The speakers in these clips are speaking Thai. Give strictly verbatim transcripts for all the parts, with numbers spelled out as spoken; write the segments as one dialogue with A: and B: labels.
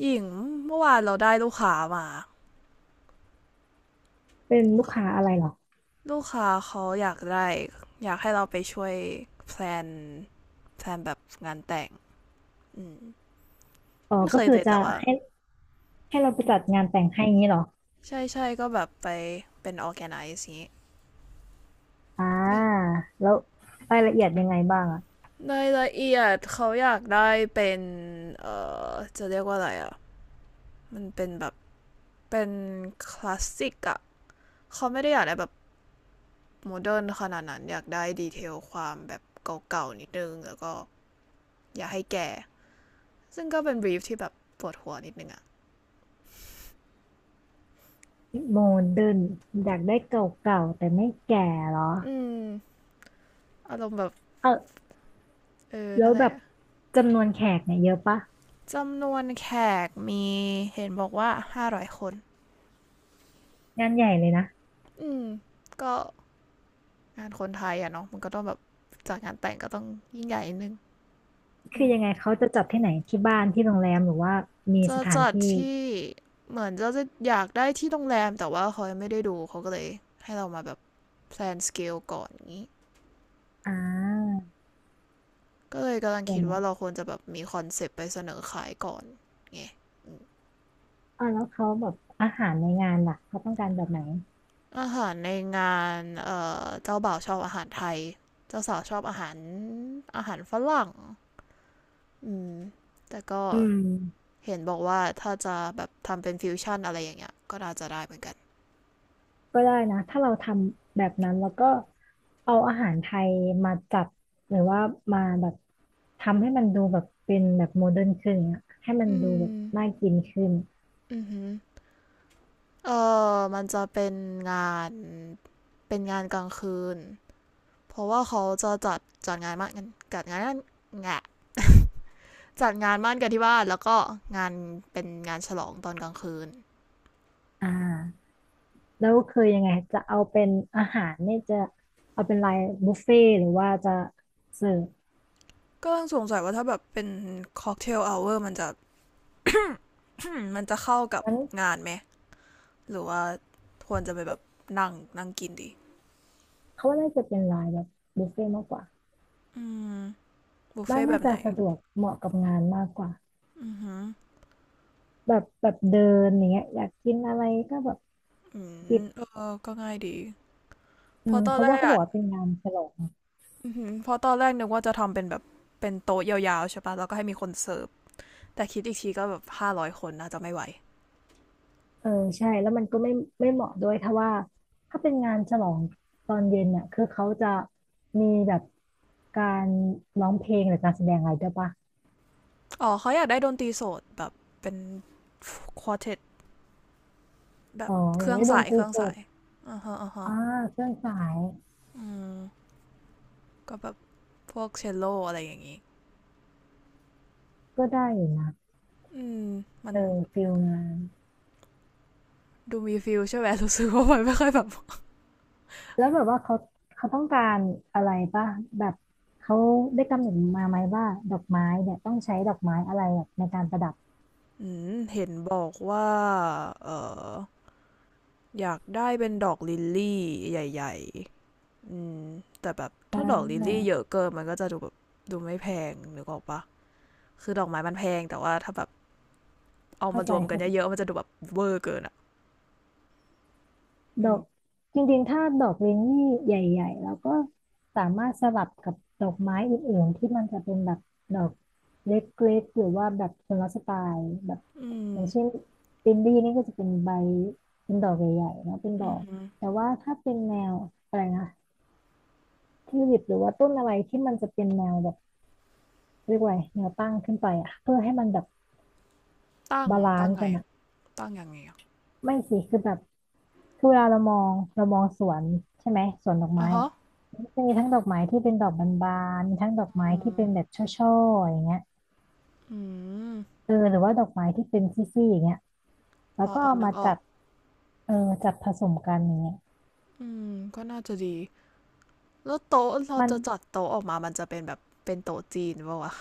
A: หญิงเมื่อวานเราได้ลูกค้ามา
B: เป็นลูกค้าอะไรเหรอ
A: ลูกค้าเขาอยากได้อยากให้เราไปช่วยแพลนแพลนแบบงานแต่งอืม
B: อ๋อ
A: ไม่เค
B: ก็
A: ย
B: คือ
A: เลย
B: จะ
A: แต่ว่า
B: ให้ให้เราไปจัดงานแต่งให้อย่างนี้เหรอ
A: ใช่ใช่ก็แบบไปเป็น ออร์แกไนซ์ อางงี้
B: อ่า
A: นี่
B: แล้วรายละเอียดยังไงบ้างอะ
A: รายละเอียดเขาอยากได้เป็นเออจะเรียกว่าอะไรอ่ะมันเป็นแบบเป็นคลาสสิกอ่ะเขาไม่ได้อยากได้แบบโมเดิร์นขนาดนั้นอยากได้ดีเทลความแบบเก่าๆนิดนึงแล้วก็อยากให้แก่ ซึ่งก็เป็นบรีฟที่แบบปวดหัวนิดนึงอะ
B: โมเดิร์นอยากได้เก่าๆแต่ไม่แก่เหรอ
A: อืมอารมณ์แบบ
B: เออ
A: เออ
B: แล้
A: นั่น
B: ว
A: แห
B: แบ
A: ละ
B: บจำนวนแขกเนี่ยเยอะปะ
A: จำนวนแขกมีเห็นบอกว่า ห้าร้อย คน
B: งานใหญ่เลยนะ
A: อืม ก็งานคนไทยอะเนาะมันก็ต้องแบบจักงานแต่งก็ต้องยิ่งใหญ่นิดนึง
B: คือยังไงเขาจะจัดที่ไหนที่บ้านที่โรงแรมหรือว่ามี
A: จะ
B: สถาน
A: จัด
B: ที่
A: ที่เหมือนจะจะอยากได้ที่โรงแรมแต่ว่าเขาไม่ได้ดูเขาก็เลยให้เรามาแบบแพลนสเกลก่อนอย่างนี้
B: อ่า
A: ก็เลยกำลัง
B: เดี๋ยว
A: คิด
B: นะ
A: ว่าเราควรจะแบบมีคอนเซปต์ไปเสนอขายก่อนไง
B: อ่าแล้วเขาแบบอาหารในงานล่ะเขาต้องการแบบไหน
A: อาหารในงานเอ่อเจ้าบ่าวชอบอาหารไทยเจ้าสาวชอบอาหารอาหารฝรั่งอืมแต่ก็
B: อืม
A: เห็นบอกว่าถ้าจะแบบทำเป็นฟิวชั่นอะไรอย่างเงี้ยก็น่าจะได้เหมือนกัน
B: ก็ได้นะถ้าเราทำแบบนั้นแล้วก็เอาอาหารไทยมาจัดหรือว่ามาแบบทำให้มันดูแบบเป็นแบบโมเดิร์นขึ้นอะให้มัน
A: อื
B: ดูแบบ
A: ม
B: น่ากินขึ้น
A: อือหือเออมันจะเป็นงานเป็นงานกลางคืนเพราะว่าเขาจะจัดจัดงานมากงานจัดงานนั่นแงะจัดงานมั่นกันที่บ้านแล้วก็งานเป็นงานฉลองตอนกลางคืน
B: อ่าแล้วคือยังไงจะเอาเป็นอาหารเนี่ยจะเอาเป็นลายบุฟเฟ่ต์หรือว่าจะเสิร์ฟ
A: กกำลังสงสัยว่าถ้าแบบเป็นค็อกเทลเอ o เวอร์มันจะ มันจะเข้ากับ
B: งั้น
A: งานไหมหรือว่าควรจะไปแบบนั่งนั่งกินดี
B: เขาว่าน่าจะเป็นลายแบบบุฟเฟ่ต์มากกว่า
A: อืมบุฟ
B: บ้า
A: เฟ่
B: น
A: ต์แบ
B: น่า
A: บไห
B: จะ
A: น
B: สะดวกเหมาะกับงานมากกว่า
A: อือหือ
B: แบบแบบเดินอย่างเงี้ยอยากกินอะไรก็แบบ
A: อื
B: หยิบ
A: มเออก็ง่ายดี
B: อื
A: เพอ
B: ม
A: ตอ
B: เพ
A: น
B: ราะ
A: แร
B: ว่า
A: ก
B: เขาบ
A: อ่ะ
B: อกว่าเป็นงานฉลอง
A: อือหือเพอตอนแรกนึกว่าจะทำเป็นแบบเป็นโต๊ะยาวๆใช่ปะแล้วก็ให้มีคนเสิร์ฟแต่คิดอีกทีก็แบบห้าร้อยคนน่าจะไม่ไหว
B: เออใช่แล้วมันก็ไม่ไม่เหมาะด้วยถ้าว่าถ้าเป็นงานฉลองตอนเย็นเนี่ยคือเขาจะมีแบบการร้องเพลงหรือการแสดงอะไรด้วยปะ
A: อ๋อเขาอยากได้ดนตรีสดแบบเป็นควอเทตแบ
B: อ๋
A: บ
B: ออ
A: เค
B: ย่าง
A: รื่อง
B: ได้ด
A: สา
B: น
A: ย
B: ต
A: เค
B: รี
A: รื่อง
B: ส
A: สา
B: ด
A: ยอ่าฮะอ่าฮะ
B: อ่าเครื่องสาย
A: อืมก็แบบพวกเชลโลอะไรอย่างงี้
B: ก็ได้อยู่นะ
A: อืมมั
B: เอ
A: น
B: อฟิลงาน
A: ดูมีฟิลใช่ไหมรู้สึกว่ามันไม่ค่อยแบบ
B: แล้วแบบว่าเขาเขาต้องการอะไรปะแบบเขาได้กำหนดมาไหมว่าดอกไม้เนี่ยต้องใช้ดอกไม้อะไรแบบในการประดับ
A: อืมเห็นบอกว่าเอออยากได้เป็นดอกลิลลี่ใหญ่ๆอืมแต่แบบ
B: อ่
A: ถ้าดอกลิล
B: า
A: ลี่เยอะเกินมันก็จะดูแบบดูไม่แพงนึกออกปะคือดอกไม้มันแพงแต่ว่าถ้าแบบเอา
B: เข้า
A: มา
B: ใจ
A: รวมกัน
B: เข้าใจ
A: เยอะๆมันจะดูแบบเวอร์เกินอะ
B: ด
A: อื
B: อก
A: ม
B: จริงๆถ้าดอกเรนนี่ใหญ่ๆเราก็สามารถสลับกับดอกไม้อื่นๆที่มันจะเป็นแบบดอกเล็กๆหรือว่าแบบคนละสไตล์แบบ
A: อื
B: อ
A: ม
B: ย่างเช่นลินดี้นี่ก็จะเป็นใบเป็นดอกใหญ่ๆแล้เป็นด
A: อื
B: อก
A: ม
B: แต่ว่าถ้าเป็นแนวอะไรนะทิวลิปหรือว่าต้นอะไรที่มันจะเป็นแนวแบบเรียกว่าไงแนวตั้งขึ้นไปอะเพื่อให้มันแบบ
A: ตั้ง
B: บาลา
A: ตั้
B: น
A: ง
B: ซ์
A: ไง
B: กันอะ
A: ตั้งยังไงอะ
B: ไม่สิคือแบบ คือเวลาเรามองเรามองสวนใช่ไหมสวนดอก
A: อ๋อ
B: ไม้
A: ฮะ
B: อะมันจะมีทั้งดอกไม้ที่เป็นดอกบานๆมีทั้งดอกไม้ที่เป็นแบบช่อๆอย่างเงี้ย
A: อืม
B: เออหรือว่าดอกไม้ที่เป็นซี่ๆอย่างเงี้ยแล้ว
A: อ๋อ
B: ก็
A: อ๋อ
B: เอา
A: นึก
B: มา
A: ออ
B: จั
A: ก
B: ดเออจัดผสมกันอย่างเงี้ย
A: อืมก็น่าจะดีแล้วโต๊ะเรา
B: มัน
A: จะจัดโต๊ะออกมามันจะเป็นแบบเป็นโต๊ะจีนปะวะ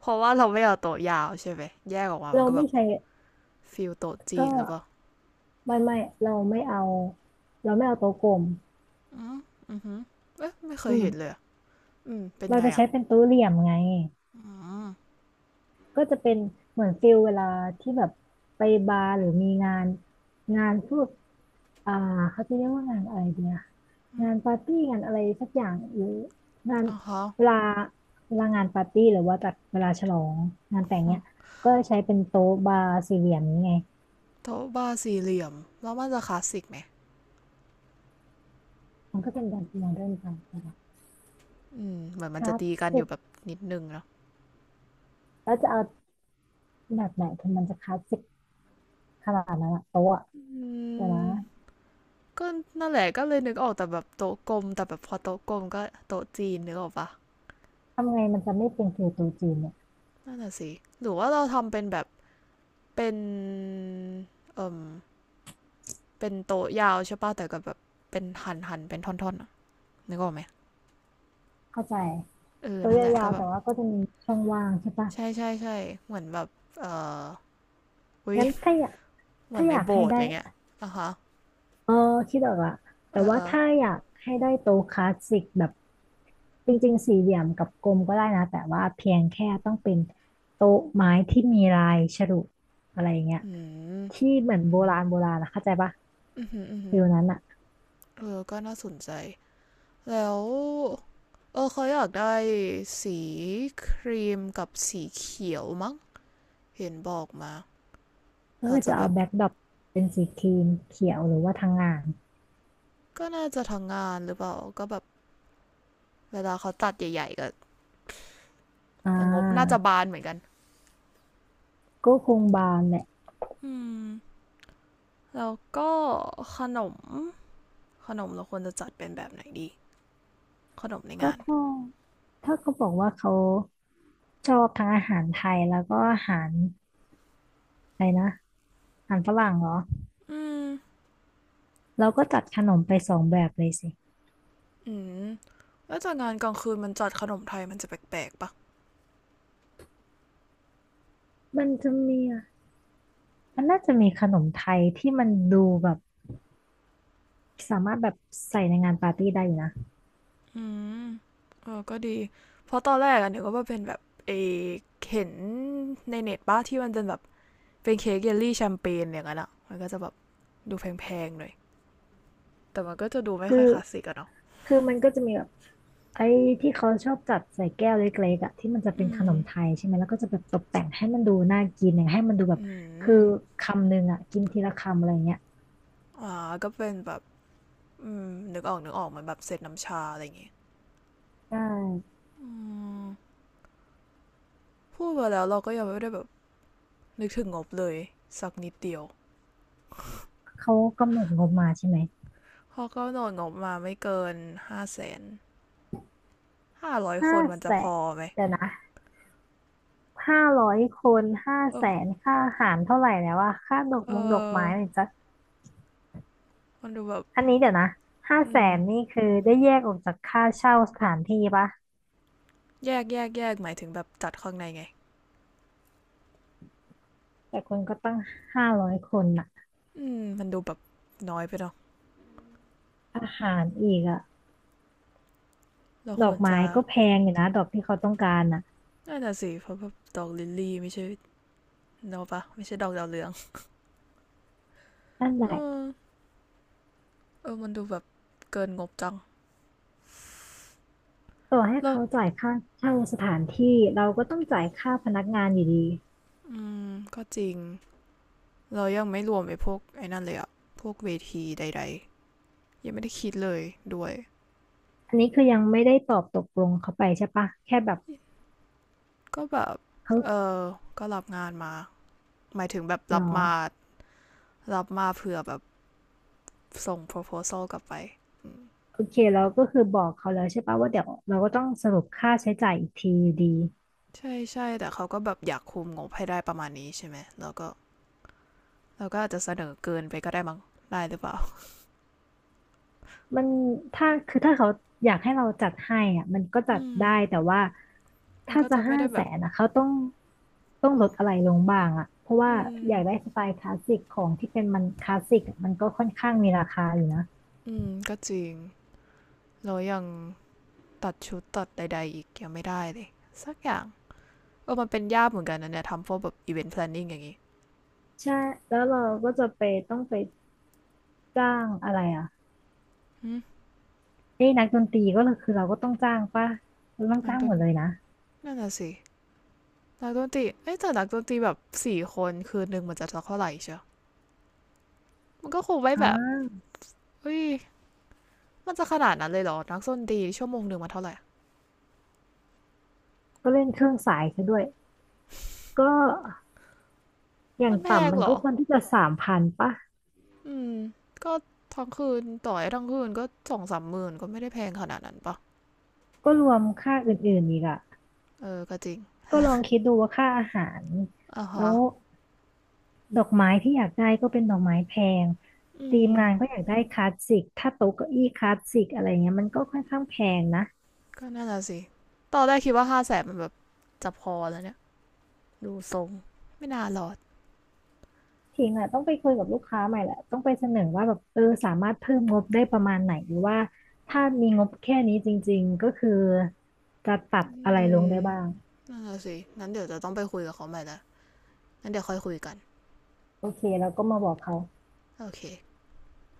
A: เพราะว่าเราไม่เอาโต๊ะยาวใช่ไหมแยกออกมามั
B: เรา
A: นก็แบ
B: ไม่
A: บ
B: ใช้
A: ฟิลโต๊ะจี
B: ก็
A: นหรือเปล่า
B: ไม่ไม่เราไม่เอาเราไม่เอาโต๊ะกลม
A: อือฮึเอ๊ะไม่เค
B: อื
A: ย
B: ม
A: เห็นเลยอืมเป็น
B: เรา
A: ไง
B: จะใช้
A: อ่ะ
B: เป็นโต๊ะเหลี่ยมไง
A: อืม
B: ก็จะเป็นเหมือนฟิลเวลาที่แบบไปบาร์หรือมีงานงานพวกอ่าเขาจะเรียกว่างานอะไรดีอะ งานปาร์ตี้งานอะไรสักอย่างหรืองาน
A: อ่ะฮ
B: เวลาเวลางานปาร์ตี้หรือว่าจัดเวลาฉลองงานแต่งเนี้ยก็ใช้เป็นโต๊ะบาร์สี่เหลี่ยมนี้ไง
A: โต๊ะบาร์สี่เหลี่ยมแล้วมันจะคลาสสิกไหม
B: มันก็เป็นการโมเดิร์นไปนะคะ
A: อืมเหมือน
B: ค
A: มันจะ
B: ลาส
A: ตีกันอ
B: สิ
A: ยู่
B: ก
A: แบบนิดนึงเนาะ
B: แล้วจะเอาแบบไหนถึงมันจะคลาสสิกขนาดนั้นอะโต๊ะอะ
A: อื
B: เดี๋ยวนะ
A: มก็นั่นแหละก็เลยนึกออกแต่แบบโต๊ะกลมแต่แบบพอโต๊ะกลมก็โต๊ะจีนนึกออกปะ
B: ทำไงมันจะไม่เป็นคือโต๊ะจีนเนี่ย
A: นั่นน่ะสิหรือว่าเราทำเป็นแบบเป็นเป็นโต๊ะยาวใช่ปะแต่ก็แบบเป็นหันหันเป็นท่อนๆอนึกออกไหม
B: เข้าใจ
A: เออ
B: โต๊ะ
A: นั่น
B: ย
A: แหละ
B: า
A: ก็
B: วๆ
A: แบ
B: แต่
A: บ
B: ว่าก็จะมีช่องว่างใช่ปะ
A: ใช่ใช่ใช่เหมือนแบบเอออุ้ย
B: งั้นถ้าอยาก
A: เหมื
B: ถ้า
A: อน
B: อ
A: ใน
B: ยาก
A: โบ
B: ให้
A: สถ์อะ
B: ได้
A: ไรเงี้ยอะคะ
B: เออคิดออกละ
A: เอ
B: แต่
A: อ
B: ว่า
A: เออ
B: ถ้าอยากให้ได้โต๊ะคลาสสิกแบบจริงๆสี่เหลี่ยมกับกลมก็ได้นะแต่ว่าเพียงแค่ต้องเป็นโต๊ะไม้ที่มีลายฉลุอะไรเงี้ย
A: อืม
B: ที่เหมือนโบราณโบราณนะเข้าใจปะ
A: อืมอืมอื
B: ฟิลนั้นอ่ะ
A: เออก็น่าสนใจ แล้ว เออเขาอยากได้สีครีมกับสีเขียวมั้ง เห็นบอกมา
B: ก็
A: เรา
B: อ
A: จะ
B: จะ
A: แบ
B: เอา
A: บ
B: แบ็คดรอปเป็นสีครีมเขียวหรือว่าทางงาน
A: ก็น่าจะทางงานหรือเปล่าก็แบบเวลาเขาตัดใหญ่ๆก็
B: อ่
A: แต่งบน่าจะ
B: า
A: บานเหมือนกัน
B: ก็คงบานแหละ
A: อืมแล้วก็ขนม ขนมเราควรจะจัดเป็นแบบไหนดี ขนมใน
B: ก็
A: งาน
B: ถ้าถ้าเขาบอกว่าเขาชอบทั้งอาหารไทยแล้วก็อาหารอะไรนะอาหารฝรั่งเหรอ
A: อืม
B: เราก็จัดขนมไปสองแบบเลยสิ
A: อืมแล้วจากงานกลางคืนมันจัดขนมไทยมันจะแปลกๆปะ
B: มันจะมีอะมันน่าจะมีขนมไทยที่มันดูแบบสามารถแบบใส่ในงานปาร์ตี้ได้อยู่นะ
A: อืมเออก็ดีเพราะตอนแรกอะนึกว่าเป็นแบบเออเห็นในเน็ตป้าที่มันเป็นแบบเป็นเค้กเยลลี่แชมเปญอย่างนั้นอะมันก็จะแบบดูแพงๆหน่อยแต่มันก็จะดูไม่
B: คือ
A: ค่อยคลาสสิกอะเนาะ
B: คือมันก็จะมีแบบไอ้ที่เขาชอบจัดใส่แก้วเล็กๆอะที่มันจะเป็น
A: อื
B: ขน
A: ม
B: มไทยใช่ไหมแล้วก็จะแบบตกแต่งให้มันดูน่ากินอย่างให้มันดูแบบ
A: อื
B: คือ
A: ม
B: คำหนึ่งอะกินทีละคำอะไรเงี้ย
A: อ่าก็เป็นแบบอืมนึกออกนึกออกเหมือนแบบเซตน้ำชาอะไรอย่างงี้
B: ใช่
A: อืมพูดไปแล้วเราก็ยังไม่ได้แบบนึกถึงงบเลยสักนิดเดียว
B: เขากำหนดงบมาใช่ไหม
A: เขาะก็โดนงบมาไม่เกินห้าแสนห้าร้อยค
B: ห้า
A: นมันจะ
B: แส
A: พ
B: น
A: อไหม
B: เดี๋ยวนะห้าร้อยคนห้าแส
A: เออ
B: นค่าอาหารเท่าไหร่แล้วอะค่าดอก
A: เอ
B: มงดอก
A: อ
B: ไม้เนี่ยจะ
A: มันดูแบบ
B: อันนี้เดี๋ยวนะห้า
A: อื
B: แส
A: ม
B: นนี่คือได้แยกออกจากค่าเช่าสถานที่ปะ
A: แยกแยกแยกหมายถึงแบบจัดข้างในไง
B: แต่คนก็ตั้งห้าร้อยคนน่ะ
A: อืมมันดูแบบน้อยไปเนาะ
B: อาหารอีกอะ
A: เรา
B: ด
A: ค
B: อ
A: ว
B: ก
A: ร
B: ไม้
A: จะ
B: ก็แพงอยู่นะดอกที่เขาต้องการน่ะ
A: น่าจะสิเพราะแบบดอกลิลลี่ไม่ใช่เนาะปะไม่ใช่ดอกดาวเรือง
B: นั่นแห
A: เอ
B: ละ
A: อเออมันดูแบบเกินงบจัง
B: ต่อให้
A: แล้ว
B: เขาจ่ายค่าเช่าสถานที่เราก็ต้องจ่ายค่าพนักงานอยู่ดี
A: อืมก็จริงเรายังไม่รวมไอ้พวกไอ้นั่นเลยอะพวกเวทีใดๆยังไม่ได้คิดเลยด้วย
B: อันนี้คือยังไม่ได้ตอบตกลงเขาไปใช่ปะแค่แบบ
A: ก็แบบ
B: เขา
A: เออ ก็รับงานมา หมายถึงแบบ
B: เหร
A: รับ
B: อ
A: มารับมาเผื่อแบบส่ง โพรโพซัล กลับไป
B: โอเคเราก็คือบอกเขาแล้วใช่ปะว่าเดี๋ยวเราก็ต้องสรุปค่าใช้จ่ายอีกทีอยู่ดี
A: ใช่ใช่แต่เขาก็แบบอยากคุมงบให้ได้ประมาณนี้ใช่ไหมแล้วก็แล้วก็อาจจะเสนอเกินไปก็ได้มั้งได้หรือเปล่า
B: มันถ้าคือถ้าเขาอยากให้เราจัดให้อ่ะมันก็จั
A: อื
B: ด
A: ม
B: ได้แต่ว่า
A: มัน
B: ถ้า
A: ก็
B: จะ
A: จะไม่
B: ห้า
A: ได้แบ
B: แส
A: บ
B: นนะเขาต้องต้องลดอะไรลงบ้างอ่ะเพราะว่า
A: อืม
B: อยากได้สไตล์คลาสสิกของที่เป็นมันคลาสสิกอะมันก็ค่อนข้างมีราคาอยู่นะ
A: อืม ก็จริง เรายังตัดชุดตัดใดๆอีกยังไม่ได้เลยสักอย่างเออมันเป็นยากเหมือนกันนะเนี่ยทำพวกแบบ อีเวนต์ แพลนนิ่ง อย่างงี้
B: ใช่แล้วเราก็จะไปต้องไปจ้างอะไรอ่ะ
A: อืม
B: เอ้ยนักดนตรีก็คือเราก็ต้องจ้างป่ะเราต้อง
A: มัน
B: จ้าง
A: ต้
B: หม
A: น
B: ดเลยนะ
A: นั่นน่ะสิ นักดนตรีเอ้ยแต่นักดนตรีแบบสี่คนคืนหนึ่งมันจะเท่าไหร่เชียวมันก็คงไว้
B: อ่
A: แบบ
B: า
A: เฮ้ยมันจะขนาดนั้นเลยเหรอ นักดนตรีชั่วโมงหนึ่งมันเท่าไหร่
B: ก็เล่นเครื่องสายซะด้วยก็อย่า
A: มั
B: ง
A: นแพง
B: ต่ำมัน
A: เหร
B: ก็
A: อ
B: ควรที่จะสามพันป่ะ
A: อืมก็ทั้งคืนต่อยทั้งคืนก็สองสามหมื่นก็ไม่ได้แพงขนาดนั้นปะ
B: ก็รวมค่าอื่นๆอีกอะ
A: เออ ก็จริง
B: ก็ลองคิดดูว่าค่าอาหาร
A: อ่ะ
B: แล้
A: ฮะ
B: วดอกไม้ที่อยากได้ก็เป็นดอกไม้แพง
A: อื
B: ทีม
A: ม
B: งานก็อยากได้คลาสสิกถ้าโต๊ะเก้าอี้คลาสสิกอะไรเงี้ยมันก็ค่อนข้างแพงนะ
A: ก็น่าจะสิตอนแรกคิดว่าห้าแสนมันแบบจะพอแล้วเนี่ย ดูทรง ไม่น่ารอด
B: ทีมอะต้องไปคุยกับลูกค้าใหม่แหละต้องไปเสนอว่าแบบเออสามารถเพิ่มงบได้ประมาณไหนหรือว่าถ้ามีงบแค่นี้จริงๆก็คือจะปรับ
A: อื
B: อะไรลง
A: ม
B: ได้บ้าง
A: น่าจะสิงั้นเดี๋ยวจะต้องไปคุยกับเขาใหม่ละงั้นเดี๋ยวค่อยคุยกัน
B: โอเคแล้วก็มาบอกเขา
A: โอเค